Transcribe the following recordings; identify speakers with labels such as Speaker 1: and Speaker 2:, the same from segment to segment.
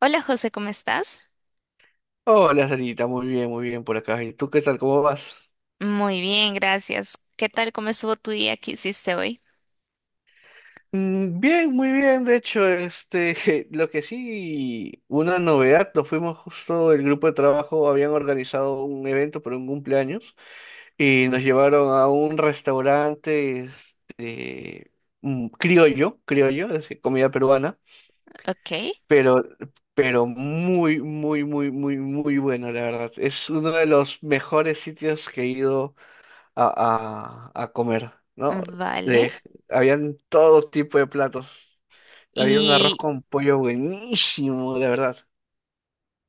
Speaker 1: Hola José, ¿cómo estás?
Speaker 2: Hola, Sarita, muy bien por acá. ¿Y tú qué tal? ¿Cómo vas?
Speaker 1: Muy bien, gracias. ¿Qué tal? ¿Cómo estuvo tu día? ¿Qué hiciste hoy?
Speaker 2: Bien, muy bien. De hecho, lo que sí, una novedad, nos fuimos justo, el grupo de trabajo habían organizado un evento por un cumpleaños y nos llevaron a un restaurante, este, criollo, criollo, es decir, comida peruana,
Speaker 1: Ok,
Speaker 2: pero, pero muy, muy, muy, muy, muy bueno, la verdad. Es uno de los mejores sitios que he ido a comer, ¿no?
Speaker 1: vale.
Speaker 2: De, Habían todo tipo de platos. Había un arroz
Speaker 1: Y,
Speaker 2: con pollo buenísimo, de verdad.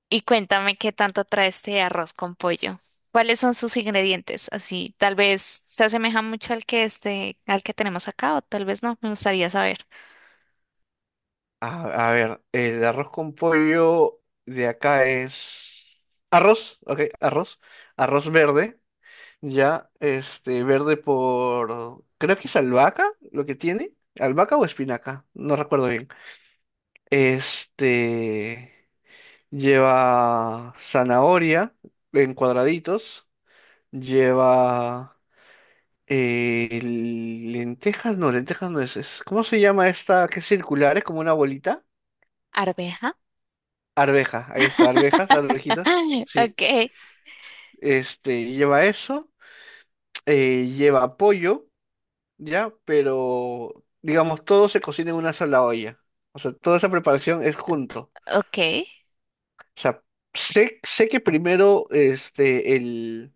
Speaker 1: y cuéntame qué tanto trae este arroz con pollo. ¿Cuáles son sus ingredientes? Así, tal vez se asemeja mucho al que este, al que tenemos acá, o tal vez no. Me gustaría saber.
Speaker 2: A ver, el arroz con pollo de acá es arroz, ok, arroz verde, ya, verde por, creo que es albahaca lo que tiene, albahaca o espinaca, no recuerdo bien. Este, Lleva zanahoria en cuadraditos. Lleva lentejas no es, ¿cómo se llama esta que es circular? Es como una bolita.
Speaker 1: ¿Arveja?
Speaker 2: Arveja, ahí está, arvejas, arvejitas. Sí.
Speaker 1: Ok,
Speaker 2: Lleva eso, lleva pollo, ¿ya? Pero, digamos, todo se cocina en una sola olla. O sea, toda esa preparación es junto.
Speaker 1: ok,
Speaker 2: O sea, sé que primero,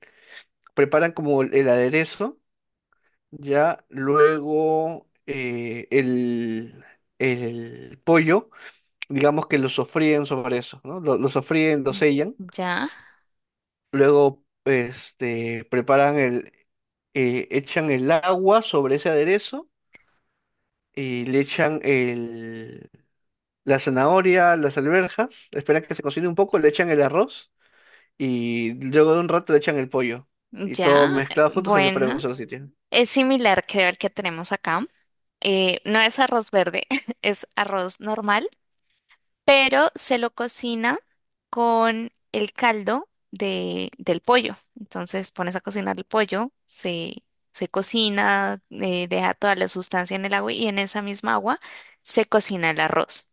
Speaker 2: preparan como el aderezo, ya, luego el pollo, digamos que lo sofríen sobre eso, ¿no? Lo sofríen, lo sellan,
Speaker 1: ya,
Speaker 2: luego echan el agua sobre ese aderezo y le echan la zanahoria, las alberjas, esperan que se cocine un poco, le echan el arroz y luego de un rato le echan el pollo y todo
Speaker 1: ya.
Speaker 2: mezclado junto se prepara en un
Speaker 1: Bueno.
Speaker 2: solo sitio.
Speaker 1: Es similar, creo, al que tenemos acá. No es arroz verde, es arroz normal, pero se lo cocina con el caldo del pollo. Entonces pones a cocinar el pollo, se cocina, deja toda la sustancia en el agua y en esa misma agua se cocina el arroz.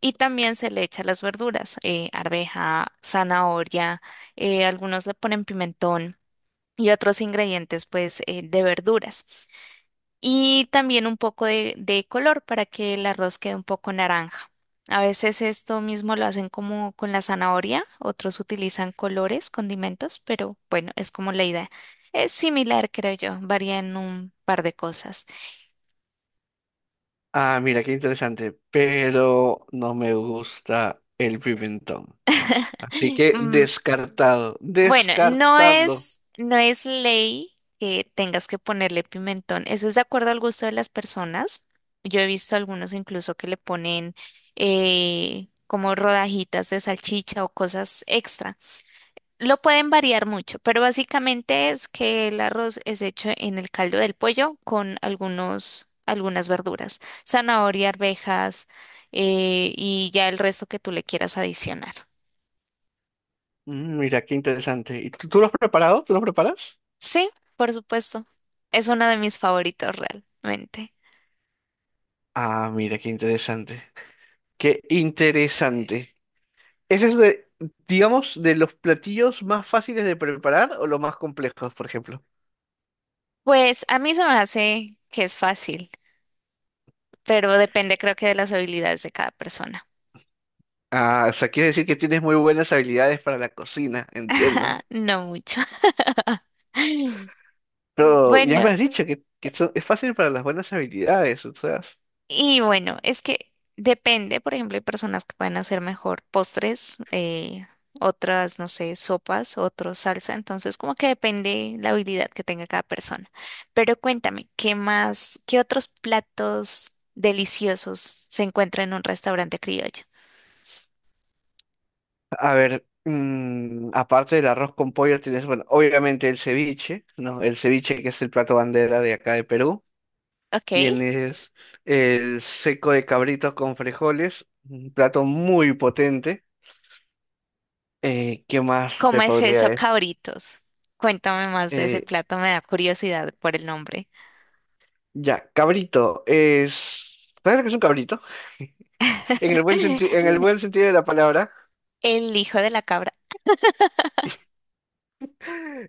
Speaker 1: Y también se le echa las verduras, arveja, zanahoria, algunos le ponen pimentón y otros ingredientes pues de verduras y también un poco de color para que el arroz quede un poco naranja. A veces esto mismo lo hacen como con la zanahoria, otros utilizan colores, condimentos, pero bueno, es como la idea. Es similar, creo yo, varía en un par de cosas.
Speaker 2: Ah, mira, qué interesante, pero no me gusta el pimentón. Así que
Speaker 1: Mm,
Speaker 2: descartado,
Speaker 1: bueno,
Speaker 2: descartado.
Speaker 1: no es ley que tengas que ponerle pimentón. Eso es de acuerdo al gusto de las personas. Yo he visto algunos incluso que le ponen como rodajitas de salchicha o cosas extra. Lo pueden variar mucho, pero básicamente es que el arroz es hecho en el caldo del pollo con algunas verduras, zanahoria, arvejas, y ya el resto que tú le quieras adicionar.
Speaker 2: Mira, qué interesante. ¿Y tú lo has preparado? ¿Tú lo preparas?
Speaker 1: Sí, por supuesto. Es uno de mis favoritos realmente.
Speaker 2: Ah, mira, qué interesante. Qué interesante. ¿Ese es digamos, de los platillos más fáciles de preparar o los más complejos, por ejemplo?
Speaker 1: Pues a mí se me hace que es fácil, pero depende creo que de las habilidades de cada persona.
Speaker 2: Ah, o sea, quiere decir que tienes muy buenas habilidades para la cocina, entiendo.
Speaker 1: No mucho.
Speaker 2: Pero ya
Speaker 1: Bueno.
Speaker 2: me has dicho que es fácil para las buenas habilidades, o sea.
Speaker 1: Y bueno, es que depende, por ejemplo, hay personas que pueden hacer mejor postres, otras, no sé, sopas, otros salsa, entonces como que depende la habilidad que tenga cada persona. Pero cuéntame, ¿qué otros platos deliciosos se encuentran en un restaurante criollo?
Speaker 2: A ver, aparte del arroz con pollo tienes, bueno, obviamente el ceviche, ¿no? El ceviche que es el plato bandera de acá de Perú.
Speaker 1: Ok,
Speaker 2: Tienes el seco de cabrito con frijoles, un plato muy potente. ¿Qué más
Speaker 1: ¿cómo
Speaker 2: te
Speaker 1: es
Speaker 2: podría
Speaker 1: eso,
Speaker 2: decir?
Speaker 1: cabritos? Cuéntame más de ese
Speaker 2: Eh,
Speaker 1: plato, me da curiosidad por el nombre.
Speaker 2: ya, cabrito es... ¿Sabes lo que es un cabrito? En el en el buen sentido de la palabra.
Speaker 1: El hijo de la cabra.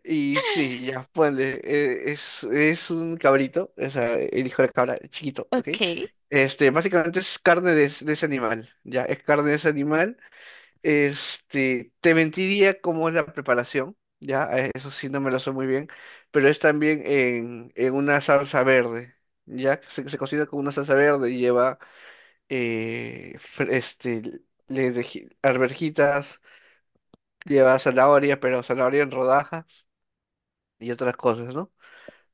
Speaker 2: Y sí, ya, ponle, es un cabrito, o sea, el hijo de cabra, chiquito, ¿ok?
Speaker 1: Ok.
Speaker 2: Básicamente es carne de, de ese animal, ya, es carne de ese animal. Te mentiría cómo es la preparación, ya, a eso sí no me lo sé muy bien, pero es también en una salsa verde, ya, se cocina con una salsa verde y lleva, eh, fr- este, arvejitas, lleva zanahoria, pero zanahoria en rodajas y otras cosas, ¿no?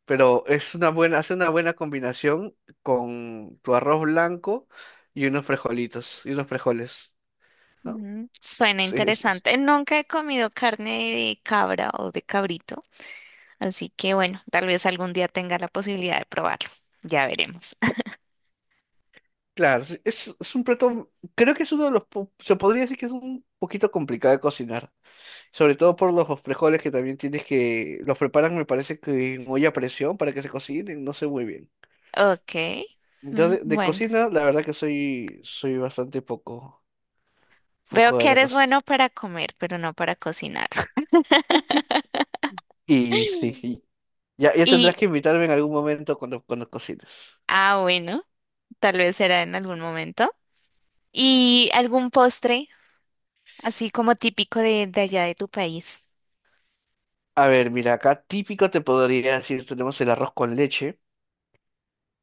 Speaker 2: Pero hace una buena combinación con tu arroz blanco y unos frijolitos, y unos frijoles, ¿no?
Speaker 1: Mm, suena
Speaker 2: Sí,
Speaker 1: interesante. Nunca he comido carne de cabra o de cabrito, así que bueno, tal vez algún día tenga la posibilidad de probarlo. Ya veremos.
Speaker 2: claro, sí, es un plato, creo que es uno de se podría decir que es un poquito complicado de cocinar, sobre todo por los frijoles que también los preparan, me parece que en olla a presión para que se cocinen, no sé muy bien.
Speaker 1: Ok.
Speaker 2: Yo
Speaker 1: Mm,
Speaker 2: de
Speaker 1: bueno,
Speaker 2: cocina, la verdad que soy bastante poco,
Speaker 1: veo
Speaker 2: poco de
Speaker 1: que
Speaker 2: la
Speaker 1: eres
Speaker 2: cocina.
Speaker 1: bueno para comer, pero no para cocinar.
Speaker 2: Y sí, y ya tendrás
Speaker 1: Y,
Speaker 2: que invitarme en algún momento cuando cocines.
Speaker 1: ah, bueno, tal vez será en algún momento. ¿Y algún postre, así como típico de allá de tu país?
Speaker 2: A ver, mira, acá típico te podría decir, tenemos el arroz con leche,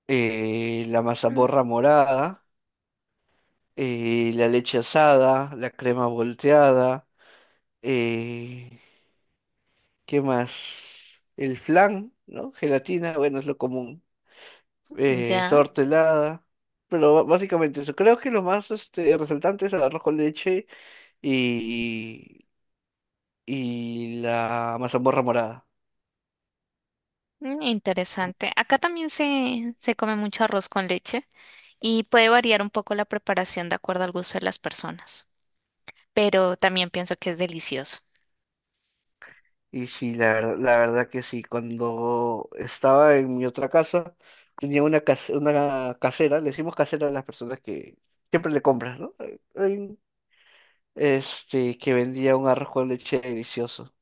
Speaker 2: la mazamorra morada, la leche asada, la crema volteada, eh, ¿qué más? El flan, ¿no? Gelatina, bueno, es lo común,
Speaker 1: Ya,
Speaker 2: torta helada, pero básicamente eso. Creo que lo más resaltante es el arroz con leche y, y la mazamorra morada.
Speaker 1: mm, interesante. Acá también se come mucho arroz con leche y puede variar un poco la preparación de acuerdo al gusto de las personas, pero también pienso que es delicioso.
Speaker 2: Y sí, la verdad que sí. Cuando estaba en mi otra casa, tenía una casera, le decimos casera a las personas que siempre le compras, ¿no? Que vendía un arroz con leche delicioso.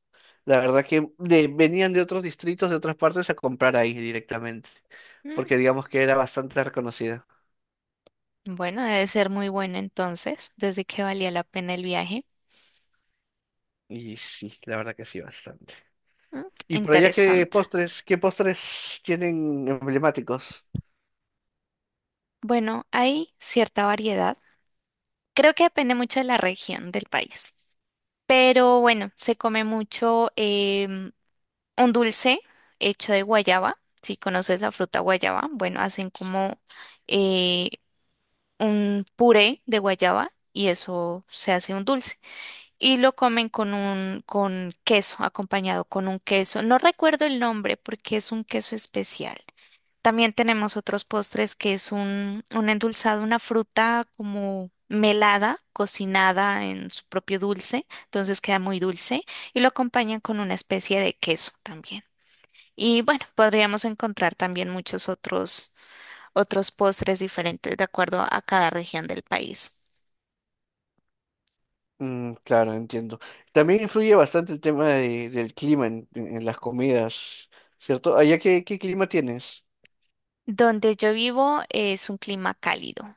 Speaker 2: La verdad que venían de otros distritos, de otras partes, a comprar ahí directamente,
Speaker 1: Mm,
Speaker 2: porque digamos que era bastante reconocida.
Speaker 1: bueno, debe ser muy bueno entonces, desde que valía la pena el viaje.
Speaker 2: Y sí, la verdad que sí, bastante.
Speaker 1: Mm,
Speaker 2: Y por allá,
Speaker 1: interesante.
Speaker 2: qué postres tienen emblemáticos?
Speaker 1: Bueno, hay cierta variedad. Creo que depende mucho de la región del país, pero bueno, se come mucho. Un dulce hecho de guayaba. Si conoces la fruta guayaba, bueno, hacen como eh, un puré de guayaba y eso se hace un dulce. Y lo comen con un con queso, acompañado con un queso. No recuerdo el nombre porque es un queso especial. También tenemos otros postres que es un endulzado, una fruta como melada, cocinada en su propio dulce, entonces queda muy dulce y lo acompañan con una especie de queso también. Y bueno, podríamos encontrar también otros postres diferentes de acuerdo a cada región del país.
Speaker 2: Claro, entiendo. También influye bastante el tema del clima en las comidas, ¿cierto? Allá qué clima tienes.
Speaker 1: Donde yo vivo es un clima cálido.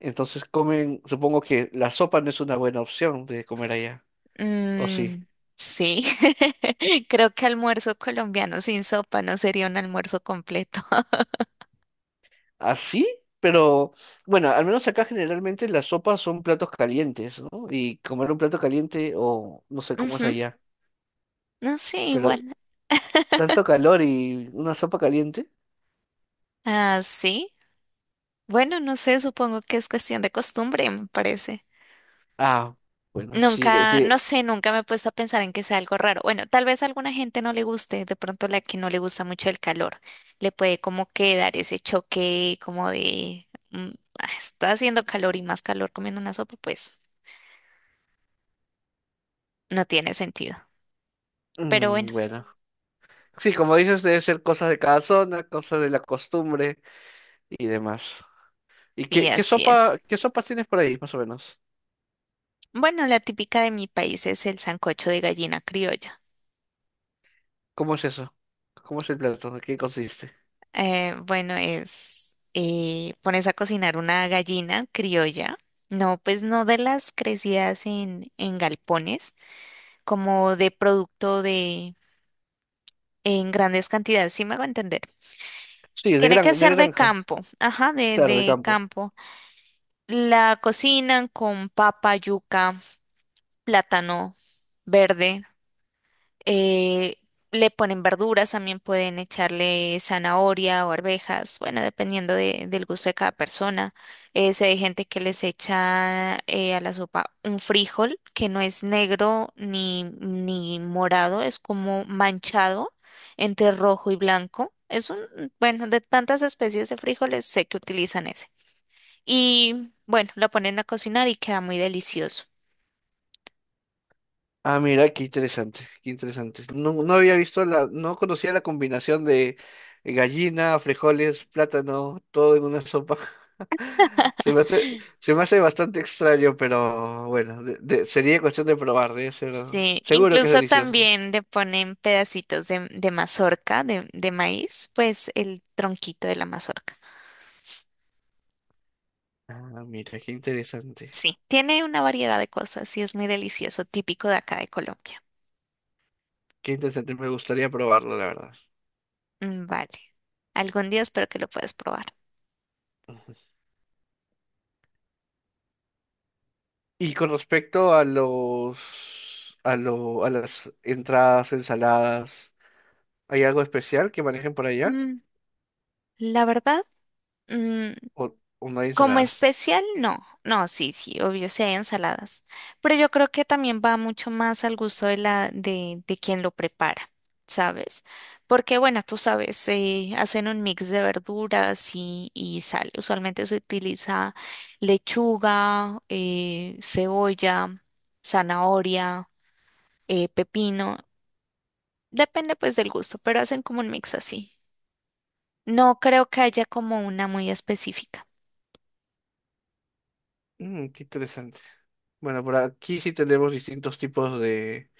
Speaker 2: Entonces comen, supongo que la sopa no es una buena opción de comer allá, ¿o sí?
Speaker 1: Mm, sí, creo que almuerzo colombiano sin sopa no sería un almuerzo completo.
Speaker 2: ¿Así? Pero bueno, al menos acá generalmente las sopas son platos calientes, ¿no? Y comer un plato caliente o no sé cómo es
Speaker 1: Ujú,
Speaker 2: allá,
Speaker 1: no sé,
Speaker 2: pero
Speaker 1: igual.
Speaker 2: tanto calor y una sopa caliente.
Speaker 1: Ah, sí. Bueno, no sé, supongo que es cuestión de costumbre, me parece.
Speaker 2: Ah, bueno, sí,
Speaker 1: Nunca, no sé, nunca me he puesto a pensar en que sea algo raro. Bueno, tal vez a alguna gente no le guste, de pronto la que no le gusta mucho el calor, le puede como que dar ese choque como de mm, "Ah, está haciendo calor y más calor comiendo una sopa, pues no tiene sentido". Pero bueno,
Speaker 2: bueno. Sí, como dices, debe ser cosas de cada zona, cosas de la costumbre y demás. ¿Y
Speaker 1: y así es.
Speaker 2: qué sopas tienes por ahí, más o menos?
Speaker 1: Bueno, la típica de mi país es el sancocho de gallina criolla.
Speaker 2: ¿Cómo es eso? ¿Cómo es el plato? ¿De qué consiste?
Speaker 1: Pones a cocinar una gallina criolla. No, pues no de las crecidas en galpones como de producto de en grandes cantidades, ¿sí me hago entender?
Speaker 2: Sí,
Speaker 1: Tiene que
Speaker 2: de
Speaker 1: ser de
Speaker 2: granja,
Speaker 1: campo, ajá,
Speaker 2: claro, de
Speaker 1: de
Speaker 2: campo.
Speaker 1: campo. La cocinan con papa, yuca, plátano verde. eh, Le ponen verduras, también pueden echarle zanahoria o arvejas, bueno, dependiendo de- del gusto de cada persona. Sé de gente que les echa a la sopa un frijol que no es negro ni morado, es como manchado entre rojo y blanco. Es un, bueno, de tantas especies de frijoles sé que utilizan ese. Y bueno, lo ponen a cocinar y queda muy delicioso.
Speaker 2: Ah, mira, qué interesante, qué interesante. No, no había visto la, no conocía la combinación de gallina, frijoles, plátano, todo en una sopa. Se me hace bastante extraño, pero bueno, sería cuestión de probar, debe ser,
Speaker 1: Sí,
Speaker 2: seguro que es
Speaker 1: incluso
Speaker 2: delicioso.
Speaker 1: también le ponen pedacitos de mazorca, de maíz, pues el tronquito de la mazorca.
Speaker 2: Ah, mira, qué interesante.
Speaker 1: Sí, tiene una variedad de cosas y es muy delicioso, típico de acá de Colombia.
Speaker 2: Qué interesante, me gustaría probarlo, la verdad.
Speaker 1: Mm, vale, algún día espero que lo puedas probar.
Speaker 2: Ujú. Y con respecto a a las entradas, ensaladas, ¿hay algo especial que manejen por allá?
Speaker 1: Mm, la verdad, mm,
Speaker 2: ¿O, o no hay
Speaker 1: como
Speaker 2: ensaladas?
Speaker 1: especial, no. No, sí, sí, obvio, sí hay ensaladas. Pero yo creo que también va mucho más al gusto de de quien lo prepara, ¿sabes? Porque, bueno, tú sabes, hacen un mix de verduras y sal. Usualmente se utiliza lechuga, cebolla, zanahoria, pepino. Depende, pues, del gusto, pero hacen como un mix así. No creo que haya como una muy específica.
Speaker 2: Qué interesante. Bueno, por aquí sí tenemos distintos tipos de,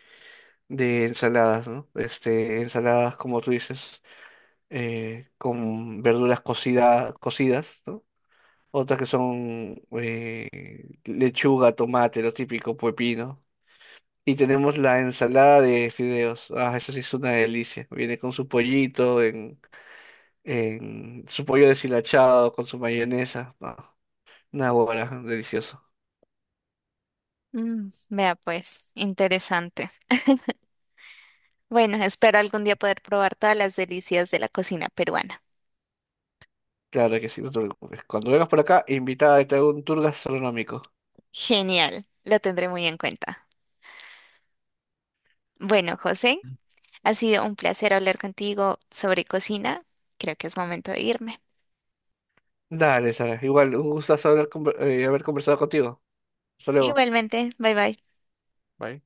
Speaker 2: de ensaladas, ¿no? Ensaladas, como tú dices, con verduras cocidas, ¿no? Otras que son lechuga, tomate, lo típico, pepino. Y tenemos la ensalada de fideos. Ah, eso sí es una delicia. Viene con su pollito, en su pollo deshilachado, con su mayonesa. No, una hora, delicioso.
Speaker 1: Mm, vea pues, interesante. Bueno, espero algún día poder probar todas las delicias de la cocina peruana.
Speaker 2: Claro que sí, no te preocupes. Cuando vengas por acá, invitada, te hago un tour gastronómico.
Speaker 1: Genial, lo tendré muy en cuenta. Bueno, José, ha sido un placer hablar contigo sobre cocina. Creo que es momento de irme.
Speaker 2: Dale, Sara. Igual, un gustazo haber conversado contigo. Hasta luego.
Speaker 1: Igualmente, bye bye.
Speaker 2: Bye.